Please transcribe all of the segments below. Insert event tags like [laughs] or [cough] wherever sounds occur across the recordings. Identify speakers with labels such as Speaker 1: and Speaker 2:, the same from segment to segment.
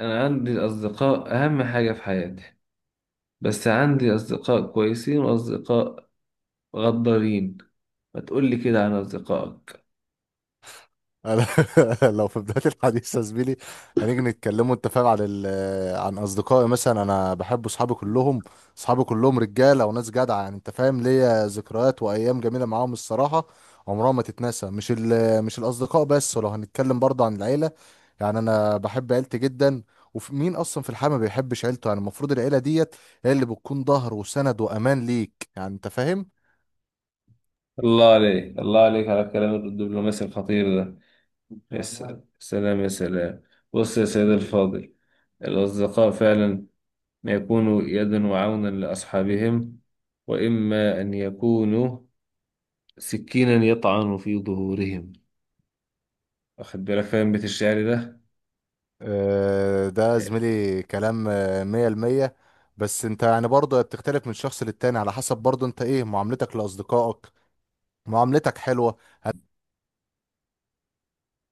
Speaker 1: أنا عندي أصدقاء أهم حاجة في حياتي، بس عندي أصدقاء كويسين وأصدقاء غدارين. ما تقولي كده عن أصدقائك.
Speaker 2: أنا. [laughs] لو في بداية الحديث يا زميلي، هنيجي نتكلموا، انت فاهم، عن اصدقائي. مثلا انا بحب اصحابي كلهم. اصحابي كلهم رجاله وناس جدعه، يعني انت فاهم، ليا ذكريات وايام جميله معاهم، الصراحه عمرها ما تتنسى. مش الاصدقاء بس، ولو هنتكلم برضه عن العيله، يعني انا بحب عيلتي جدا. ومين اصلا في الحياه ما بيحبش عيلته؟ يعني المفروض العيله ديت هي اللي بتكون ظهر وسند وامان ليك، يعني انت فاهم.
Speaker 1: الله عليك الله عليك على الكلام الدبلوماسي الخطير ده. يا سلام سلام يا سلام. بص يا سيد الفاضل، الأصدقاء فعلا ما يكونوا يدا وعونا لأصحابهم، وإما أن يكونوا سكينا يطعن في ظهورهم. واخد بالك فاهم بيت الشعر
Speaker 2: آه، ده
Speaker 1: ده؟
Speaker 2: زميلي كلام، مية المية. بس انت يعني برضه بتختلف من شخص للتاني، على حسب برضه انت ايه معاملتك لأصدقائك. معاملتك حلوة،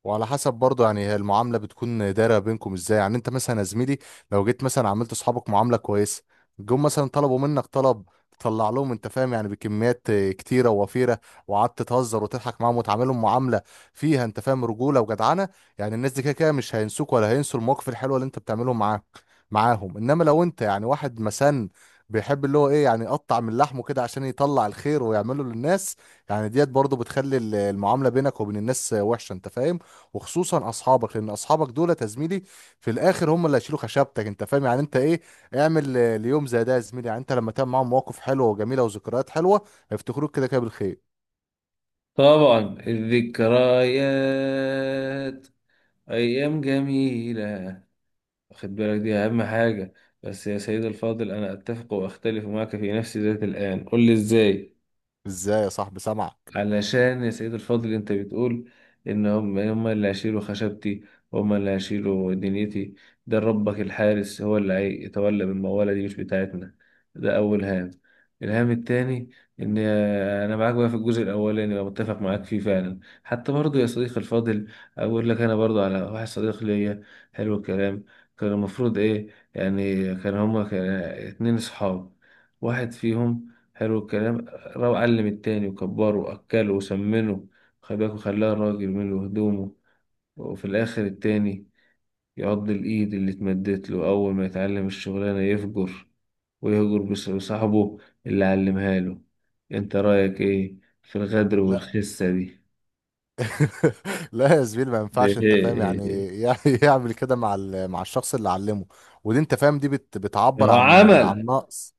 Speaker 2: وعلى حسب برضه يعني هي المعامله بتكون دايره بينكم ازاي. يعني انت مثلا يا زميلي، لو جيت مثلا عملت اصحابك معامله كويسه، جم مثلا طلبوا منك طلب، تطلع لهم انت فاهم يعني بكميات كتيره ووفيره، وقعدت تهزر وتضحك معاهم وتعاملهم معامله فيها انت فاهم رجوله وجدعنه. يعني الناس دي كده كده مش هينسوك ولا هينسوا المواقف الحلوه اللي انت بتعمله معاك معاهم. انما لو انت يعني واحد مسن بيحب اللي هو ايه يعني يقطع من لحمه كده عشان يطلع الخير ويعمله للناس، يعني ديت برضه بتخلي المعامله بينك وبين الناس وحشه، انت فاهم. وخصوصا اصحابك، لان اصحابك دول يا زميلي في الاخر هم اللي هيشيلوا خشبتك، انت فاهم. يعني انت ايه اعمل ليوم زي ده يا زميلي، يعني انت لما تعمل معاهم مواقف حلوه وجميله وذكريات حلوه، هيفتكروك كده كده بالخير.
Speaker 1: طبعا الذكريات أيام جميلة، واخد بالك دي أهم حاجة. بس يا سيد الفاضل أنا أتفق وأختلف معك في نفس ذات الآن، قل لي إزاي.
Speaker 2: ازاي يا صاحبي، سامعك.
Speaker 1: علشان يا سيد الفاضل انت بتقول ان هم اللي هيشيلوا خشبتي، هم اللي هيشيلوا دنيتي. ده ربك الحارس هو اللي هيتولى، بالموالة دي مش بتاعتنا. ده اول هام. الهام التاني ان انا معاك بقى في الجزء الاولاني، بقى متفق معاك فيه فعلا. حتى برضو يا صديقي الفاضل اقول لك انا برضو على واحد صديق ليا. حلو الكلام. كان المفروض ايه؟ يعني كان هما كان اتنين صحاب، واحد فيهم حلو الكلام راح علم التاني وكبره وأكله وسمنه، خباك وخلاه راجل منه هدومه. وفي الآخر التاني يعض الإيد اللي اتمدت له أول ما يتعلم الشغلانة، يفجر ويهجر بصاحبه اللي علمها له. أنت رأيك إيه في الغدر
Speaker 2: لا.
Speaker 1: والخسة دي؟
Speaker 2: [laughs] لا يا زميلي، ما
Speaker 1: [laughs] ده
Speaker 2: ينفعش انت فاهم
Speaker 1: إيه
Speaker 2: يعني،
Speaker 1: إيه؟
Speaker 2: [laughs] يعني يعمل كده مع الشخص اللي علمه. ودي انت فاهم دي بت
Speaker 1: إيه.
Speaker 2: بتعبر
Speaker 1: هو
Speaker 2: عن
Speaker 1: عمل.
Speaker 2: نقص.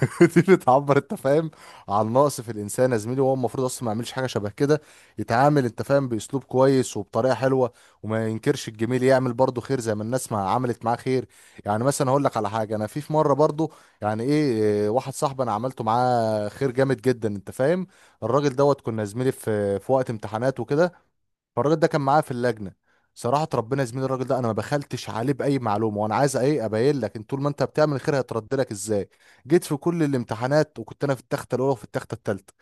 Speaker 2: [laughs] دي بتعبر انت فاهم عن نقص في الانسان يا زميلي. وهو المفروض اصلا ما يعملش حاجه شبه كده. يتعامل انت فاهم باسلوب كويس وبطريقه حلوه، وما ينكرش الجميل، يعمل برضه خير زي ما الناس ما عملت معاه خير. يعني مثلا هقول لك على حاجه. انا في مره برضه، يعني ايه واحد صاحبي انا عملته معاه خير جامد جدا، انت فاهم. الراجل دوت كنا يا زميلي في وقت امتحانات وكده، فالراجل ده كان معايا في اللجنه. صراحه ربنا يا زميلي، الراجل ده انا ما بخلتش عليه باي معلومه، وانا عايز ايه ابين لك ان طول ما انت بتعمل الخير هيترد لك ازاي. جيت في كل الامتحانات وكنت انا في التخته الاولى، وفي التخته الثالثه،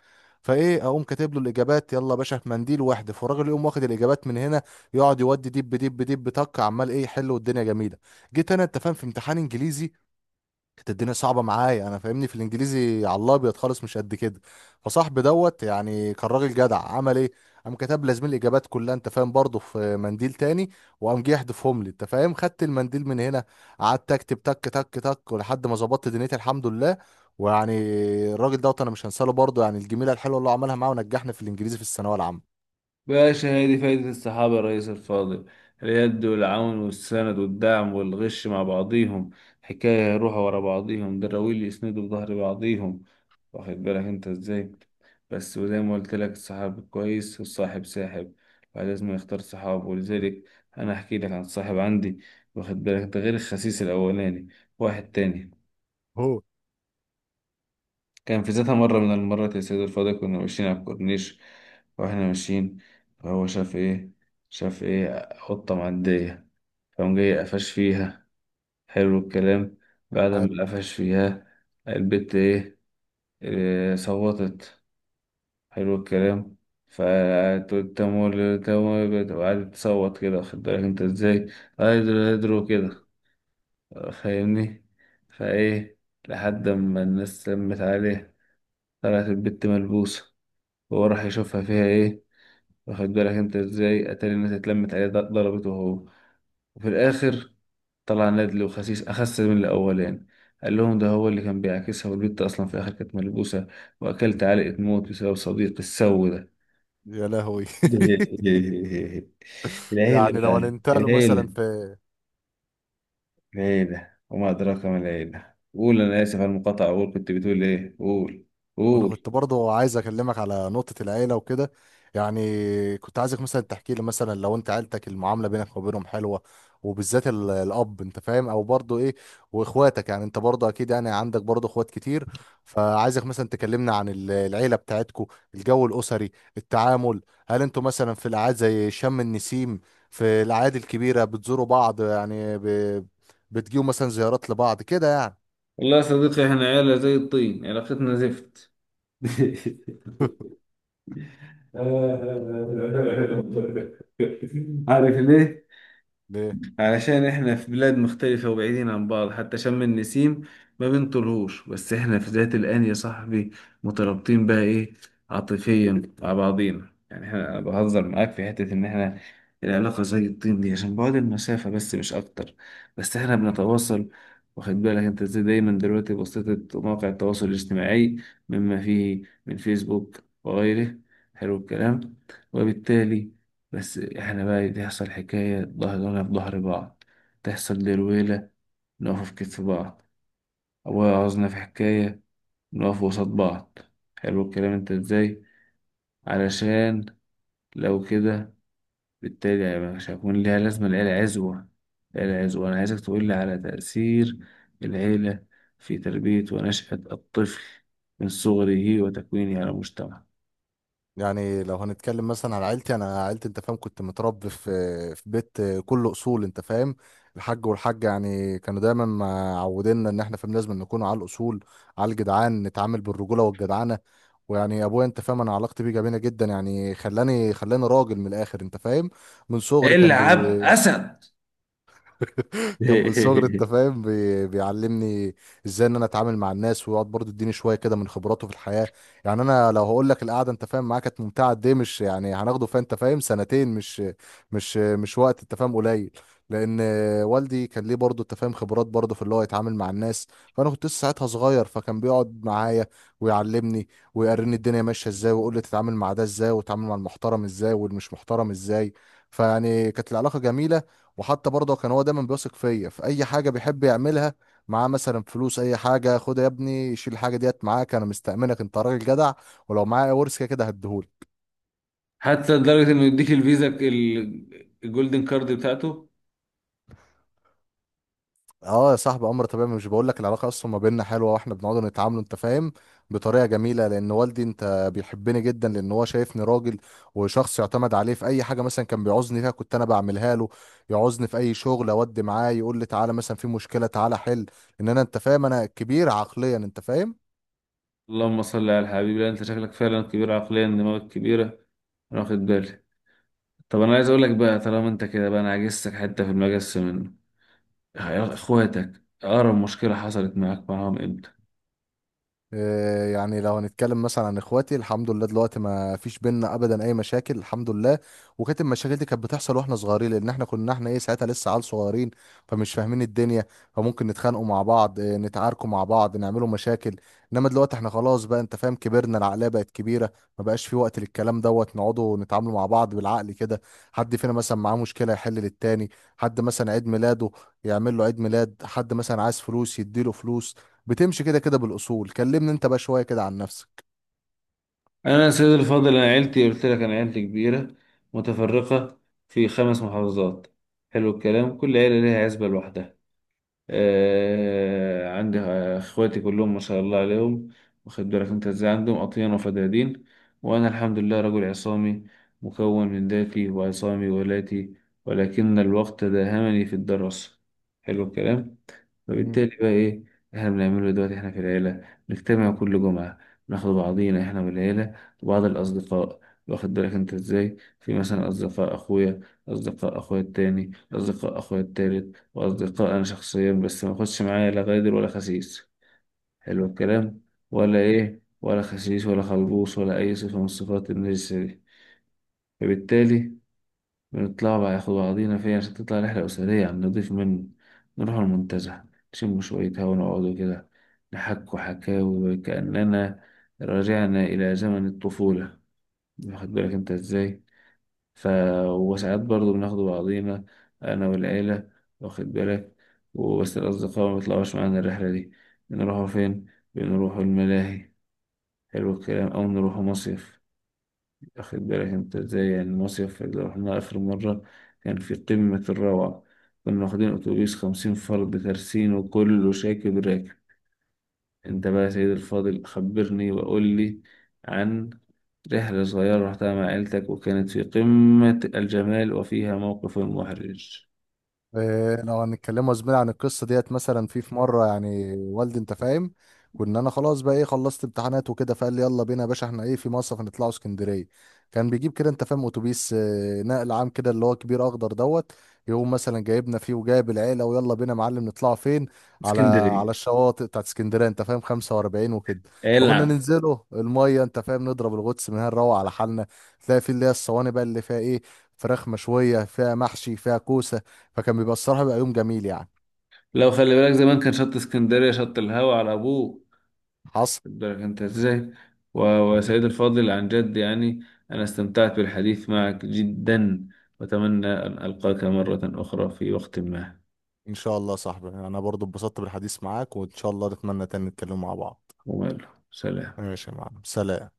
Speaker 2: فايه اقوم كاتب له الاجابات يلا يا باشا في منديل واحد. فالراجل يقوم واخد الاجابات من هنا، يقعد يودي دب دب دب طق، عمال ايه يحل والدنيا جميله. جيت انا انت فاهم في امتحان انجليزي، كانت الدنيا صعبه معايا، انا فاهمني في الانجليزي على الابيض خالص مش قد كده. فصاحبي دوت يعني كان راجل جدع، عمل ايه قام كتب لي زميل الاجابات كلها، انت فاهم، برضه في منديل تاني. وقام جه يحذفهم لي، انت فاهم، خدت المنديل من هنا، قعدت اكتب تك تك تك ولحد ما ظبطت دنيتي الحمد لله. ويعني الراجل دوت انا مش هنساله، برضه يعني الجميله الحلوه اللي هو عملها معاه ونجحني في الانجليزي في الثانويه العامه.
Speaker 1: باشا هي دي فايدة الصحابة يا ريس الفاضل، اليد والعون والسند والدعم والغش مع بعضيهم. حكاية يروحوا ورا بعضيهم دراويل، يسندوا بظهر بعضيهم، واخد بالك انت ازاي. بس وزي ما قلت لك الصاحب كويس والصاحب ساحب، فلازم يختار صحابه. ولذلك انا احكي لك عن صاحب عندي، واخد بالك، ده غير الخسيس الاولاني، واحد تاني.
Speaker 2: هو
Speaker 1: كان في ذاتها مرة من المرات يا سيد الفاضل كنا ماشيين على الكورنيش، واحنا ماشيين فهو شاف ايه، شاف ايه؟ قطة معدية. فقام جاي قفش فيها. حلو الكلام. بعد
Speaker 2: حلو.
Speaker 1: ما قفش فيها البت ايه، إيه صوتت. حلو الكلام. فتقول تمول تمول وقعدت تصوت كده، واخد بالك انت ازاي، هيدرو هيدرو كده، فاهمني. فايه؟ لحد ما الناس لمت عليه، طلعت البت ملبوسة. وهو راح يشوفها فيها ايه، واخد بالك انت ازاي. اتاري الناس اتلمت عليه ضربته هو. وفي الاخر طلع نادلي وخسيس، اخس من الاولاني، قال لهم ده هو اللي كان بيعاكسها، والبت اصلا في الاخر كانت ملبوسه، واكلت علقه موت بسبب صديق السو ده.
Speaker 2: يا لهوي. [laughs]
Speaker 1: [laughs] العيلة
Speaker 2: يعني لو
Speaker 1: بقى
Speaker 2: هننتقله مثلا
Speaker 1: العيلة.
Speaker 2: في.
Speaker 1: العيلة وما أدراك ما العيلة. قول انا اسف على المقاطعه، قول كنت بتقول ايه، قول
Speaker 2: وانا
Speaker 1: قول.
Speaker 2: كنت برضو عايز اكلمك على نقطة العيلة وكده، يعني كنت عايزك مثلا تحكي لي مثلا لو انت عيلتك المعاملة بينك وبينهم حلوة، وبالذات الاب، انت فاهم، او برضو ايه واخواتك. يعني انت برضو اكيد يعني عندك برضو اخوات كتير. فعايزك مثلا تكلمنا عن العيلة بتاعتكو، الجو الاسري، التعامل. هل انتوا مثلا في الاعياد زي شم النسيم، في الاعياد الكبيرة بتزوروا بعض؟ يعني بتجيوا مثلا زيارات لبعض كده، يعني.
Speaker 1: والله يا صديقي احنا عيله زي الطين، علاقتنا زفت. [laughs] عارف ليه؟ علشان احنا في بلاد مختلفة وبعيدين عن بعض، حتى شم النسيم ما بنطلهوش. بس احنا في ذات الآن يا صاحبي مترابطين بقى ايه، عاطفيا مع بعضينا. يعني احنا انا بهزر معاك في حتة ان احنا العلاقة زي الطين دي عشان بعد المسافة، بس مش اكتر. بس احنا بنتواصل، واخد بالك انت ازاي، دايما دلوقتي بواسطة مواقع التواصل الاجتماعي، مما فيه من فيسبوك وغيره. حلو الكلام. وبالتالي بس احنا بقى تحصل حكاية ظهرنا في ظهر بعض، تحصل درويلة، نقف في كتف بعض. أبويا عاوزنا في حكاية نقف وسط بعض. حلو الكلام انت ازاي. علشان لو كده، بالتالي هيبقى مش هيكون ليها لازمة العيلة عزوة. العيلة عزوة. أنا عايزك تقول لي على تأثير العيلة في تربية ونشأة الطفل من صغره وتكوينه على المجتمع.
Speaker 2: يعني لو هنتكلم مثلا على عيلتي، انا عيلتي انت فاهم كنت متربي في في بيت كله اصول، انت فاهم. الحاج والحاجه يعني كانوا دايما معودينا ان احنا فاهم لازم نكون على الاصول، على الجدعان نتعامل بالرجوله والجدعنه. ويعني ابويا انت فاهم، انا علاقتي بيه جميله جدا، يعني خلاني راجل من الاخر، انت فاهم. من صغري كان
Speaker 1: العب
Speaker 2: بي.
Speaker 1: أسد.
Speaker 2: [laughs] كان من صغري انت
Speaker 1: [laughs]
Speaker 2: فاهم بيعلمني ازاي ان انا اتعامل مع الناس، ويقعد برضه يديني شويه كده من خبراته في الحياه. يعني انا لو هقول لك القعده انت فاهم معاك كانت ممتعه قد ايه، مش يعني هناخده فيها انت فاهم سنتين، مش وقت انت فاهم قليل. لان والدي كان ليه برضه انت فاهم خبرات برضه في اللي هو يتعامل مع الناس. فانا كنت لسه ساعتها صغير، فكان بيقعد معايا ويعلمني ويوريني الدنيا ماشيه ازاي، ويقول لي تتعامل مع ده ازاي، وتتعامل مع المحترم ازاي والمش محترم ازاي. فيعني كانت العلاقه جميله. وحتى برضه كان هو دايما بيثق فيا في اي حاجه بيحب يعملها، معاه مثلا فلوس اي حاجه خدها يا ابني شيل الحاجه ديت معاك، انا مستأمنك، انت راجل جدع. ولو معايا ورث كده كده هديهولك.
Speaker 1: حتى لدرجة انه يديك الفيزا الجولدن كارد بتاعته.
Speaker 2: اه يا صاحبي، امر طبيعي. مش بقول لك العلاقه اصلا ما بيننا حلوه، واحنا بنقعد نتعامل انت فاهم بطريقه جميله، لان والدي انت بيحبني جدا لان هو شايفني راجل وشخص يعتمد عليه في اي حاجه. مثلا كان بيعوزني فيها كنت انا بعملها له. يعوزني في اي شغل اودي معاه، يقول لي تعالى مثلا في مشكله تعالى حل، ان انا انت فاهم انا كبير عقليا، انت فاهم.
Speaker 1: اللهم صل على الحبيب. لا انت شكلك فعلا كبير عقليا، دماغك كبيرة، انا واخد بالي. طب انا عايز اقول لك بقى، طالما انت كده بقى انا عجزتك حتة في المجس منه، يا اخواتك اقرب مشكلة حصلت معاك معاهم امتى؟
Speaker 2: آه، يعني لو هنتكلم مثلا عن اخواتي، الحمد لله دلوقتي ما فيش بينا ابدا اي مشاكل الحمد لله. وكانت المشاكل دي كانت بتحصل واحنا صغيرين، لان احنا كنا احنا ايه ساعتها لسه عيال صغيرين، فمش فاهمين الدنيا. فممكن نتخانقوا مع بعض، نتعاركوا مع بعض، نعملوا مشاكل. انما دلوقتي احنا خلاص بقى انت فاهم كبرنا، العقليه بقت كبيره، ما بقاش في وقت للكلام دوت. نقعدوا نتعاملوا مع بعض بالعقل كده. حد فينا مثلا معاه مشكله يحل للتاني. حد مثلا عيد ميلاده يعمل له عيد ميلاد. حد مثلا عايز فلوس يديله فلوس. بتمشي كده كده بالاصول. كلمني انت بقى شويه كده عن نفسك.
Speaker 1: انا يا سيدي الفاضل، انا عيلتي قلت لك، انا عيلتي كبيرة متفرقة في 5 محافظات. حلو الكلام. كل عيلة ليها عزبة لوحدها. عندي اخواتي كلهم ما شاء الله عليهم، واخد بالك انت ازاي، عندهم اطيان وفدادين. وانا الحمد لله رجل عصامي، مكون من ذاتي، وعصامي ولاتي، ولكن الوقت داهمني في الدراسة. حلو الكلام.
Speaker 2: مم.
Speaker 1: فبالتالي بقى ايه احنا بنعمله دلوقتي؟ احنا في العيلة نجتمع كل جمعة، ناخد بعضينا احنا والعيلة وبعض الأصدقاء، واخد بالك انت ازاي، في مثلا أصدقاء أخويا، أصدقاء أخويا التاني، أصدقاء أخويا التالت، وأصدقاء أنا شخصيا. بس ما أخدش معايا لا غادر ولا خسيس، حلو الكلام، ولا إيه، ولا خسيس ولا خلبوس، ولا أي صفة من صفات النجسة دي. فبالتالي بنطلع بقى ياخد بعضينا فيها عشان تطلع رحلة أسرية على النضيف منه. نروح المنتزه، نشم شوية هوا ونقعدوا كده، نحكوا حكاوي كأننا رجعنا إلى زمن الطفولة، واخد بالك أنت إزاي. ف وساعات برضه بناخد بعضينا أنا والعيلة، واخد بالك، وبس الأصدقاء ما بيطلعوش معانا الرحلة دي. بنروحوا فين؟ بنروحوا الملاهي، حلو الكلام، أو نروحوا مصيف. واخد بالك انت ازاي، يعني المصيف اللي رحناه آخر مرة كان في قمة الروعة. كنا واخدين أتوبيس 50 فرد ترسين وكله شاكب راكب. انت بقى يا سيدي الفاضل خبرني وقول لي عن رحلة صغيرة رحتها مع عيلتك وكانت في قمة الجمال وفيها موقف محرج.
Speaker 2: إيه، لو هنتكلموا يا زميلي عن القصه ديت، مثلا في في مره يعني والدي انت فاهم كنا انا خلاص بقى ايه خلصت امتحانات وكده، فقال لي يلا بينا يا باشا احنا ايه في مصيف، هنطلعوا اسكندريه. كان بيجيب كده انت فاهم اتوبيس نقل عام كده اللي هو كبير اخضر دوت، يقوم مثلا جايبنا فيه وجايب العيله، ويلا بينا يا معلم. نطلعوا فين؟ على
Speaker 1: اسكندرية.
Speaker 2: على الشواطئ بتاعت اسكندريه، انت فاهم 45 وكده. فكنا
Speaker 1: العب.
Speaker 2: ننزله الميه انت فاهم نضرب الغطس من هنا، نروح على حالنا. تلاقي في اللي هي الصواني بقى اللي فيها ايه، فراخ مشويه فيها محشي فيها كوسه. فكان بيبقى الصراحة بيبقى يوم جميل يعني.
Speaker 1: لو خلي بالك زمان كان شط اسكندرية شط الهوا على أبوه
Speaker 2: حصل.
Speaker 1: الدرجة، أنت إزاي. و- وسيد الفاضل عن جد يعني أنا استمتعت بالحديث معك جدا، وأتمنى أن ألقاك مرة أخرى في وقت ما.
Speaker 2: ان شاء الله يا صاحبي، انا برضو اتبسطت بالحديث معاك، وان شاء الله نتمنى تاني نتكلم مع بعض.
Speaker 1: وماله، سلام.
Speaker 2: ماشي يا معلم، سلام.